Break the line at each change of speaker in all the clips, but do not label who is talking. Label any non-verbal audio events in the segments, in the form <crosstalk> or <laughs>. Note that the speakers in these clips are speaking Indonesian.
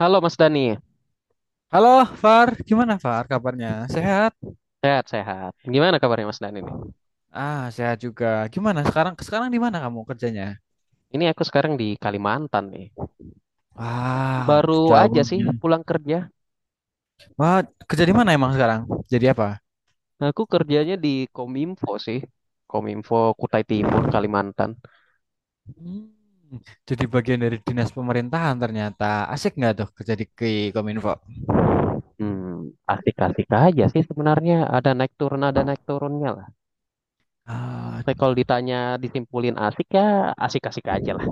Halo Mas Dani,
Halo, Far. Gimana, Far? Kabarnya? Sehat?
sehat-sehat. Gimana kabarnya Mas Dani nih?
Sehat juga. Gimana sekarang? Sekarang di mana kamu kerjanya?
Ini aku sekarang di Kalimantan nih.
Wah,
Baru aja sih
jauhnya.
pulang kerja.
Wah, kerja di mana emang sekarang? Jadi apa?
Aku kerjanya di Kominfo sih. Kominfo Kutai Timur, Kalimantan.
Hmm, jadi bagian dari dinas pemerintahan ternyata. Asik nggak tuh kerja di Kominfo?
Hmm, asik-asik aja sih sebenarnya. Ada naik turun, ada naik turunnya lah.
Ah,
Tapi kalau ditanya disimpulin asik ya asik-asik aja lah.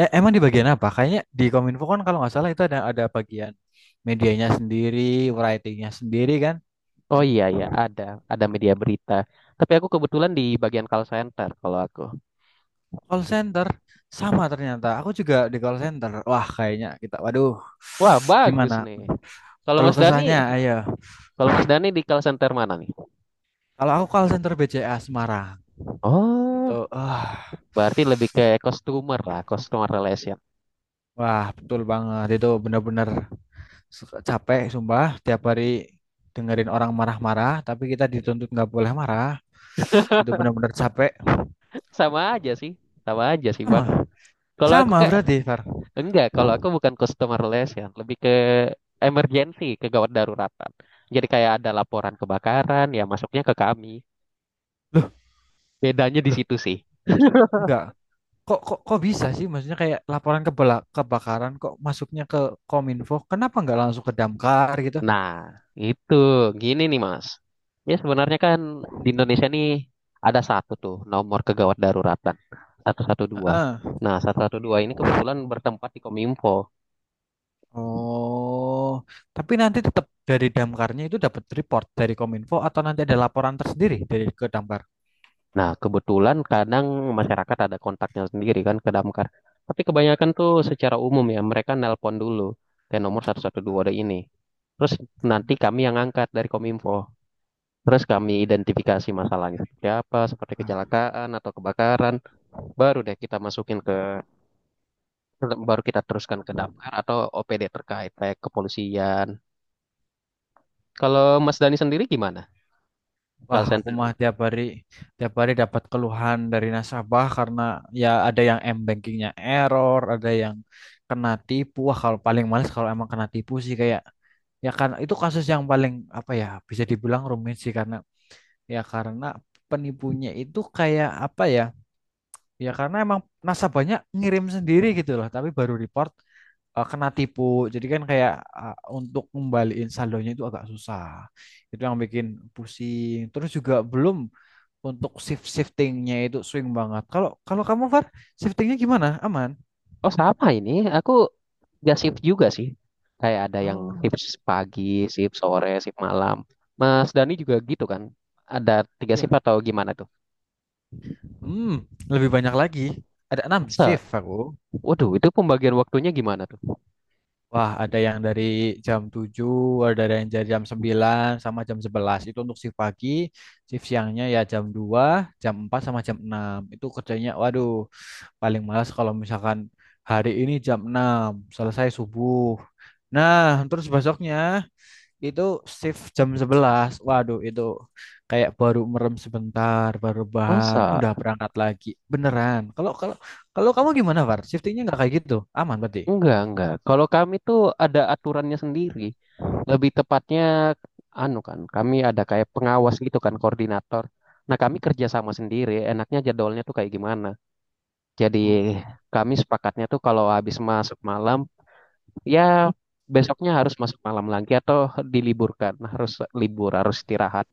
Emang di bagian apa? Kayaknya di Kominfo kan kalau nggak salah itu ada bagian medianya sendiri, writingnya sendiri kan?
Oh iya ya, ada. Ada media berita. Tapi aku kebetulan di bagian call center kalau aku.
Call center sama ternyata. Aku juga di call center. Wah, kayaknya kita waduh.
Wah, bagus
Gimana?
nih. Kalau
Kalau
Mas Dani,
kesannya ayo.
kalau Mas Dani di call center mana nih?
Kalau aku call center BCA Semarang
Oh,
itu ah
berarti lebih ke customer lah, customer relation.
wah, betul banget. Itu benar-benar capek sumpah tiap hari dengerin orang marah-marah, tapi kita dituntut nggak boleh marah. Itu benar-benar capek.
<laughs> Sama aja sih, sama aja sih
Sama.
Bang. Kalau aku
Sama
kayak,
berarti, Far.
enggak, kalau aku bukan customer relation, lebih ke emergency, kegawat daruratan. Jadi kayak ada laporan kebakaran, ya masuknya ke kami.
Loh,
Bedanya di
loh,
situ sih.
enggak. Kok kok kok bisa sih, maksudnya kayak laporan kebakaran kok masuknya ke Kominfo, kenapa nggak langsung ke Damkar gitu?
Nah, itu, gini nih Mas. Ya sebenarnya kan di Indonesia nih ada satu tuh nomor kegawat daruratan, 112.
Heeh.
Nah, 112 ini kebetulan bertempat di Kominfo.
Oh, tapi nanti tetap dari Damkarnya itu dapat report dari Kominfo atau nanti ada laporan tersendiri ke Damkar?
Nah, kebetulan kadang masyarakat ada kontaknya sendiri kan ke damkar. Tapi kebanyakan tuh secara umum ya, mereka nelpon dulu ke nomor 112 ada ini. Terus nanti kami yang angkat dari Kominfo. Terus kami identifikasi masalahnya seperti apa, seperti kecelakaan atau kebakaran. Baru deh kita masukin ke, baru kita teruskan ke damkar atau OPD terkait, kayak kepolisian. Kalau Mas Dani sendiri gimana?
Wah,
Call
aku
center.
mah tiap hari dapat keluhan dari nasabah karena ya ada yang m-bankingnya error, ada yang kena tipu. Wah, kalau paling males kalau emang kena tipu sih, kayak ya kan itu kasus yang paling apa ya, bisa dibilang rumit sih karena ya karena penipunya itu kayak apa ya karena emang nasabahnya ngirim sendiri gitu loh, tapi baru report, kena tipu, jadi kan kayak untuk ngembaliin saldonya itu agak susah. Itu yang bikin pusing, terus juga belum untuk shiftingnya itu swing banget. Kalau kalau kamu, Far, shiftingnya gimana? Aman?
Oh sama ini, aku gak shift juga sih. Kayak ada yang
Oh,
shift pagi, shift sore, shift malam. Mas Dani juga gitu kan? Ada tiga
ya.
shift atau gimana tuh?
Hmm, Lebih banyak lagi. Ada enam
Masa?
shift aku.
Waduh, itu pembagian waktunya gimana tuh?
Wah, ada yang dari jam 7, ada yang dari jam 9, sama jam 11. Itu untuk shift pagi. Shift siangnya ya jam 2, jam 4 sama jam 6. Itu kerjanya waduh, paling malas kalau misalkan hari ini jam 6 selesai subuh. Nah, terus besoknya itu shift jam 11. Waduh, itu kayak baru merem sebentar, baru bahan,
Masa?
udah berangkat lagi. Beneran. Kalau kalau kalau kamu gimana, Var? Shiftingnya nggak kayak gitu? Aman berarti.
Enggak, enggak. Kalau kami tuh ada aturannya sendiri. Lebih tepatnya, anu kan, kami ada kayak pengawas gitu kan, koordinator. Nah, kami kerja sama sendiri. Enaknya jadwalnya tuh kayak gimana? Jadi,
Oh,
kami sepakatnya tuh kalau habis masuk malam, ya besoknya harus masuk malam lagi atau diliburkan harus libur harus istirahat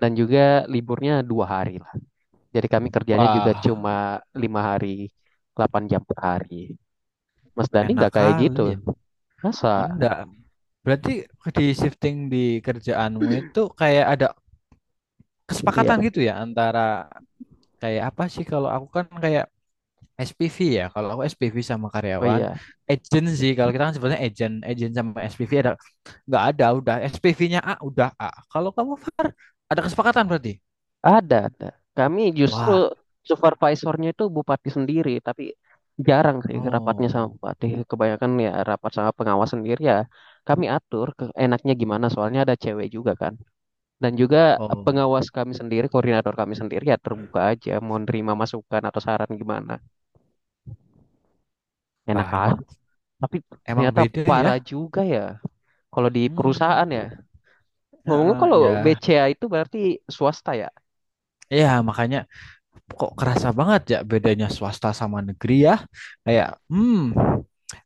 dan juga liburnya 2 hari lah, jadi kami kerjanya juga
wah,
cuma 5 hari 8 jam per hari. Mas Dani
enak
nggak kayak
kali
gitu,
ya.
masa?
Oh, enggak. Berarti di shifting di kerjaanmu itu kayak ada kesepakatan
Iya,
gitu ya antara kayak apa sih, kalau aku kan kayak SPV ya. Kalau aku SPV sama
oh
karyawan,
iya,
agent sih. Kalau kita kan sebenarnya agent, agent sama SPV ada nggak ada udah SPV-nya A udah A. Kalau kamu Var ada kesepakatan berarti.
ada kami justru
Wah.
supervisornya itu bupati sendiri, tapi jarang sih rapatnya
Oh
sama
iya.
bupati. Kebanyakan ya rapat sama pengawas sendiri ya, kami atur ke enaknya gimana soalnya ada cewek juga kan. Dan juga
Oh.
pengawas kami sendiri, koordinator kami sendiri ya terbuka aja, mau nerima masukan atau saran gimana. Enak
Wah,
aja.
emang
Tapi
emang
ternyata
beda ya.
parah juga ya. Kalau di perusahaan ya.
Hmm.
Ngomongnya
Heeh,
kalau
ya,
BCA itu berarti swasta ya.
ya makanya kok kerasa banget ya bedanya swasta sama negeri ya, kayak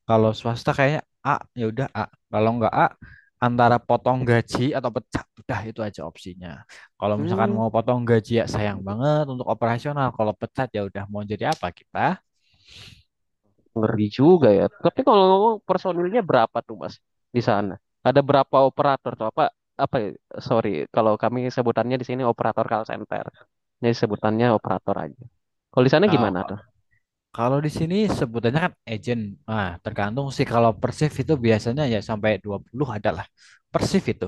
kalau swasta kayaknya A ya udah A, kalau nggak A antara potong gaji atau pecat udah itu aja opsinya. Kalau misalkan
Hmm,
mau potong gaji ya sayang banget untuk operasional, kalau pecat ya udah mau jadi apa kita.
ngeri juga ya. Tapi kalau ngomong personilnya berapa tuh Mas di sana? Ada berapa operator tuh, apa? Apa ya? Sorry, kalau kami sebutannya di sini operator call center. Jadi sebutannya operator aja. Kalau di sana
Nah,
gimana tuh?
kalau di sini sebutannya kan agent. Nah, tergantung sih, kalau Persif itu biasanya ya sampai 20 adalah Persif itu.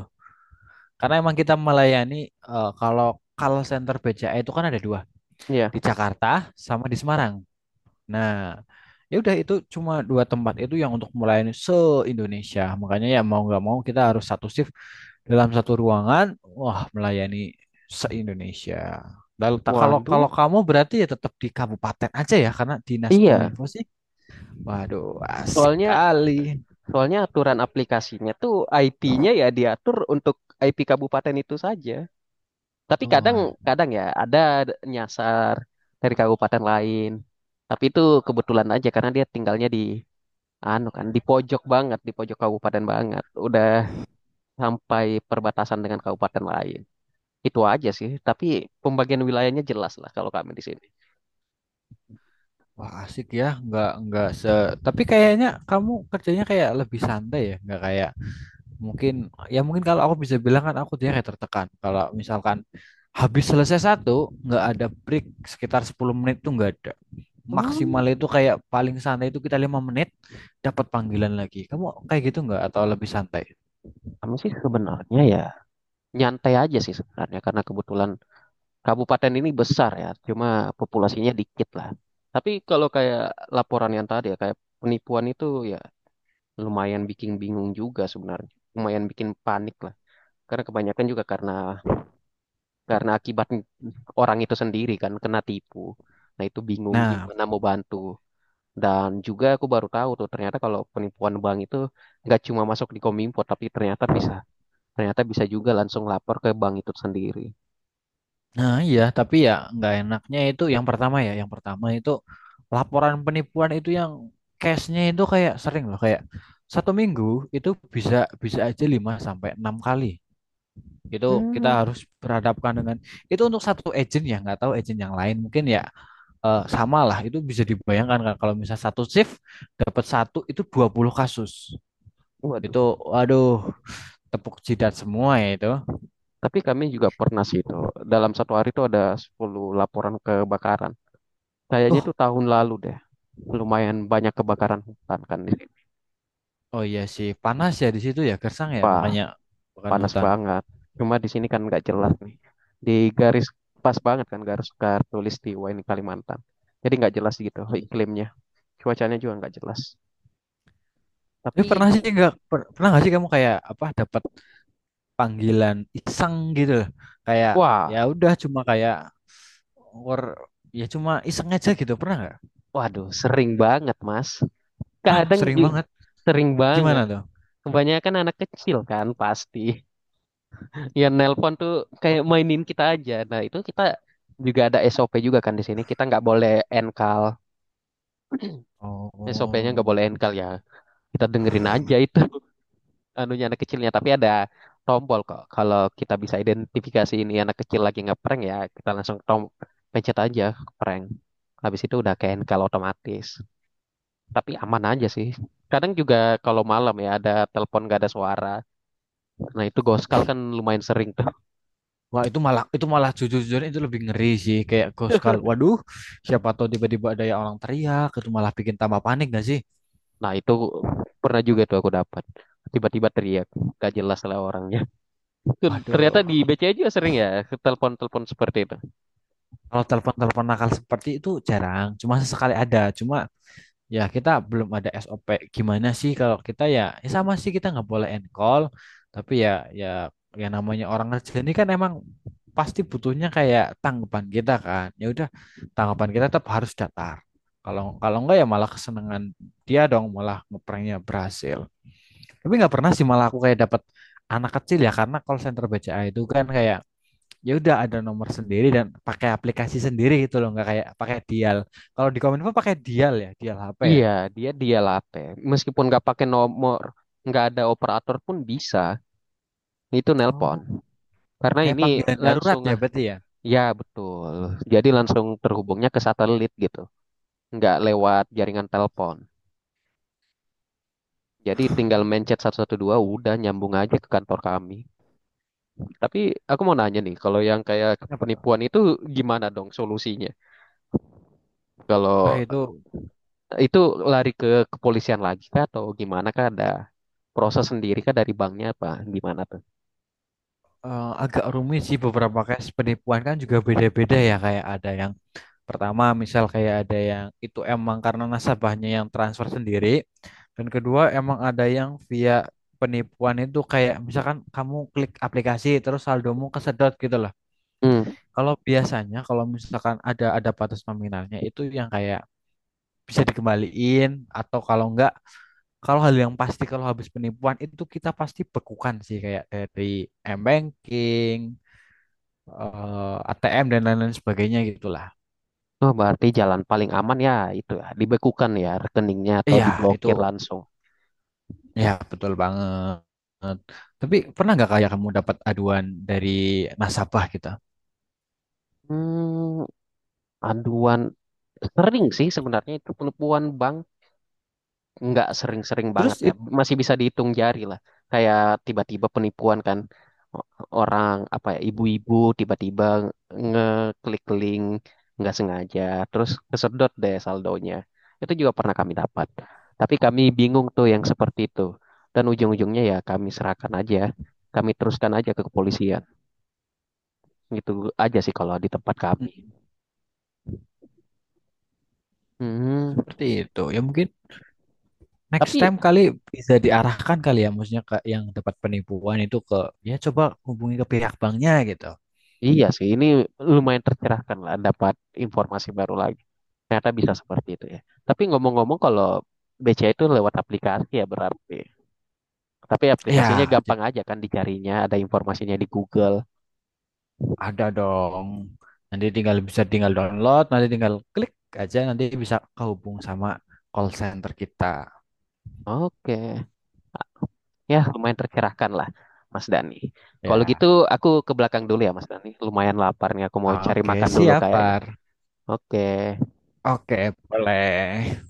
Karena emang kita melayani, kalau call center BCA itu kan ada dua,
Iya.
di Jakarta sama di Semarang. Nah, ya udah itu cuma dua tempat itu yang untuk melayani se-Indonesia. Makanya ya mau nggak mau kita harus satu shift dalam satu ruangan, wah, melayani se-Indonesia. Lalu tak kalau
Waduh.
kalau kamu berarti ya tetap di kabupaten aja ya karena dinas
Iya,
kominfo sih. Waduh, asik
soalnya
kali.
Soalnya aturan aplikasinya tuh IP-nya ya diatur untuk IP kabupaten itu saja. Tapi
Wah,
kadang-kadang ya ada nyasar dari kabupaten lain. Tapi itu kebetulan aja karena dia tinggalnya di anu kan di pojok banget, di pojok kabupaten banget. Udah sampai perbatasan dengan kabupaten lain. Itu aja sih, tapi pembagian wilayahnya jelas lah kalau kami di sini.
wah asik ya, nggak nggak. Tapi kayaknya kamu kerjanya kayak lebih santai ya, nggak kayak... Mungkin ya mungkin kalau aku bisa bilang kan aku dia kayak tertekan. Kalau misalkan habis selesai satu, nggak ada break sekitar 10 menit tuh nggak ada.
Hmm,
Maksimal itu kayak paling santai itu kita 5 menit dapat panggilan lagi. Kamu kayak gitu nggak atau lebih santai?
kami sih sebenarnya ya nyantai aja sih sebenarnya karena kebetulan kabupaten ini besar ya, cuma populasinya dikit lah. Tapi kalau kayak laporan yang tadi ya, kayak penipuan itu ya lumayan bikin bingung juga sebenarnya. Lumayan bikin panik lah. Karena kebanyakan juga karena akibat orang itu sendiri kan kena tipu. Nah itu bingung
Nah,
gimana mau bantu. Dan juga aku baru tahu tuh ternyata kalau penipuan bank itu nggak cuma masuk di Kominfo tapi ternyata bisa juga langsung lapor ke bank itu sendiri.
nah iya, tapi ya nggak enaknya itu yang pertama ya. Yang pertama itu laporan penipuan itu yang cashnya itu kayak sering loh, kayak satu minggu itu bisa bisa aja 5 sampai 6 kali. Itu kita
Hmm.
harus berhadapkan dengan itu, untuk satu agent ya, nggak tahu agent yang lain mungkin ya, sama lah. Itu bisa dibayangkan kan kalau misal satu shift dapat satu itu 20 kasus.
Waduh.
Itu aduh, tepuk jidat semua ya itu.
Tapi kami juga pernah sih itu. Dalam satu hari itu ada 10 laporan kebakaran. Kayaknya
Oh,
itu tahun lalu deh. Lumayan banyak kebakaran hutan kan.
oh iya sih panas ya di situ ya gersang ya
Wah,
makanya kebakaran
panas
hutan.
banget. Cuma di sini kan nggak jelas nih. Di garis pas banget kan garis tulis di ini Kalimantan. Jadi nggak jelas gitu
Iya.
iklimnya. Cuacanya juga nggak jelas.
Tapi
Tapi
pernah sih nggak pernah nggak sih kamu kayak apa, dapat panggilan iseng gitu loh, kayak
wah,
ya udah cuma kayak or ya cuma iseng aja gitu, pernah nggak?
waduh, sering banget Mas. Kadang
Sering
ju-
banget.
sering
Gimana
banget.
tuh?
Kebanyakan anak kecil kan pasti. Ya nelpon tuh kayak mainin kita aja. Nah itu kita juga ada SOP juga kan di sini. Kita nggak boleh enkal. SOP-nya nggak
Oh,
boleh enkal ya. Kita dengerin aja itu <laughs> anunya anak kecilnya. Tapi ada tombol kok. Kalau kita bisa identifikasi ini anak kecil lagi ngeprank ya, kita langsung pencet aja prank. Habis itu udah ke enkal otomatis. Tapi aman aja sih. Kadang juga kalau malam ya ada telepon gak ada suara. Nah itu goskal kan lumayan sering tuh.
wah itu malah jujur-jujurnya itu lebih ngeri sih, kayak ghost call. Waduh, siapa tahu tiba-tiba ada yang orang teriak, itu malah bikin tambah panik gak sih?
Nah, itu pernah juga tuh aku dapat. Tiba-tiba teriak, gak jelas lah orangnya. <laughs> Ternyata
Waduh,
di BCA juga sering ya, telepon-telepon seperti itu.
kalau telepon-telepon nakal seperti itu jarang, cuma sesekali ada. Cuma, ya, kita belum ada SOP. Gimana sih kalau kita ya, ya sama sih, kita nggak boleh end call. Tapi ya, ya, ya namanya orang kerja ini kan emang pasti butuhnya kayak tanggapan kita kan. Ya udah, tanggapan kita tetap harus datar. Kalau kalau enggak ya malah kesenangan dia dong, malah ngepranknya berhasil. Tapi nggak pernah sih malah aku kayak dapat anak kecil ya, karena call center BCA itu kan kayak ya udah ada nomor sendiri dan pakai aplikasi sendiri gitu loh, nggak kayak pakai dial. Kalau di Kominfo pakai dial ya, dial HP ya.
Iya, dia dia latte. Meskipun nggak pakai nomor, nggak ada operator pun bisa. Itu nelpon.
Oh.
Karena
Kayak
ini
panggilan darurat
langsung,
ya
ah,
berarti ya.
ya betul. Jadi langsung terhubungnya ke satelit gitu. Nggak lewat jaringan telepon. Jadi tinggal mencet 112 udah nyambung aja ke kantor kami. Tapi aku mau nanya nih, kalau yang kayak
Apa tuh?
penipuan itu gimana dong solusinya?
Wah
Kalau
itu,
eh, itu lari ke kepolisian lagi kah atau gimana kah, ada proses sendiri kah dari banknya apa gimana tuh?
agak rumit sih, beberapa kasus penipuan kan juga beda-beda ya, kayak ada yang pertama misal kayak ada yang itu emang karena nasabahnya yang transfer sendiri, dan kedua emang ada yang via penipuan itu kayak misalkan kamu klik aplikasi terus saldomu kesedot gitu loh.
Hmm.
Kalau biasanya kalau misalkan ada batas nominalnya itu yang kayak bisa dikembaliin atau kalau enggak... Kalau hal yang pasti kalau habis penipuan itu kita pasti bekukan sih, kayak dari m-banking, ATM dan lain-lain sebagainya gitulah.
Oh, berarti jalan paling aman ya itu ya, dibekukan ya rekeningnya atau
Iya, itu
diblokir langsung.
ya betul banget. Tapi pernah nggak kayak kamu dapat aduan dari nasabah kita?
Hmm, aduan sering sih sebenarnya, itu penipuan bank nggak sering-sering banget
Terus
ya, masih bisa dihitung jari lah. Kayak tiba-tiba penipuan kan, o- orang apa ya, ibu-ibu tiba-tiba ngeklik link nggak sengaja terus kesedot deh saldonya. Itu juga pernah kami dapat, tapi kami bingung tuh yang seperti itu, dan ujung-ujungnya ya kami serahkan aja, kami teruskan aja ke kepolisian. Gitu aja sih kalau di tempat kami.
hmm,
Hmm,
seperti itu. Ya mungkin next
tapi
time kali bisa diarahkan kali ya, maksudnya ke yang dapat penipuan itu ke, ya coba hubungi ke pihak banknya gitu.
iya sih ini lumayan tercerahkan lah, dapat informasi baru lagi. Ternyata bisa seperti itu ya. Tapi ngomong-ngomong kalau BCA itu lewat aplikasi ya berarti. Tapi aplikasinya
Iya,
gampang aja kan dicarinya, ada informasinya di Google.
ada dong. Nanti tinggal bisa tinggal download, nanti tinggal klik aja nanti bisa kehubung sama call center kita.
Oke, ya lumayan tercerahkan lah Mas Dani. Kalau
Ya.
gitu aku ke belakang dulu ya Mas Dani, lumayan lapar nih aku mau cari
Oke,
makan dulu
siap,
kayaknya.
Far.
Oke.
Oke, boleh.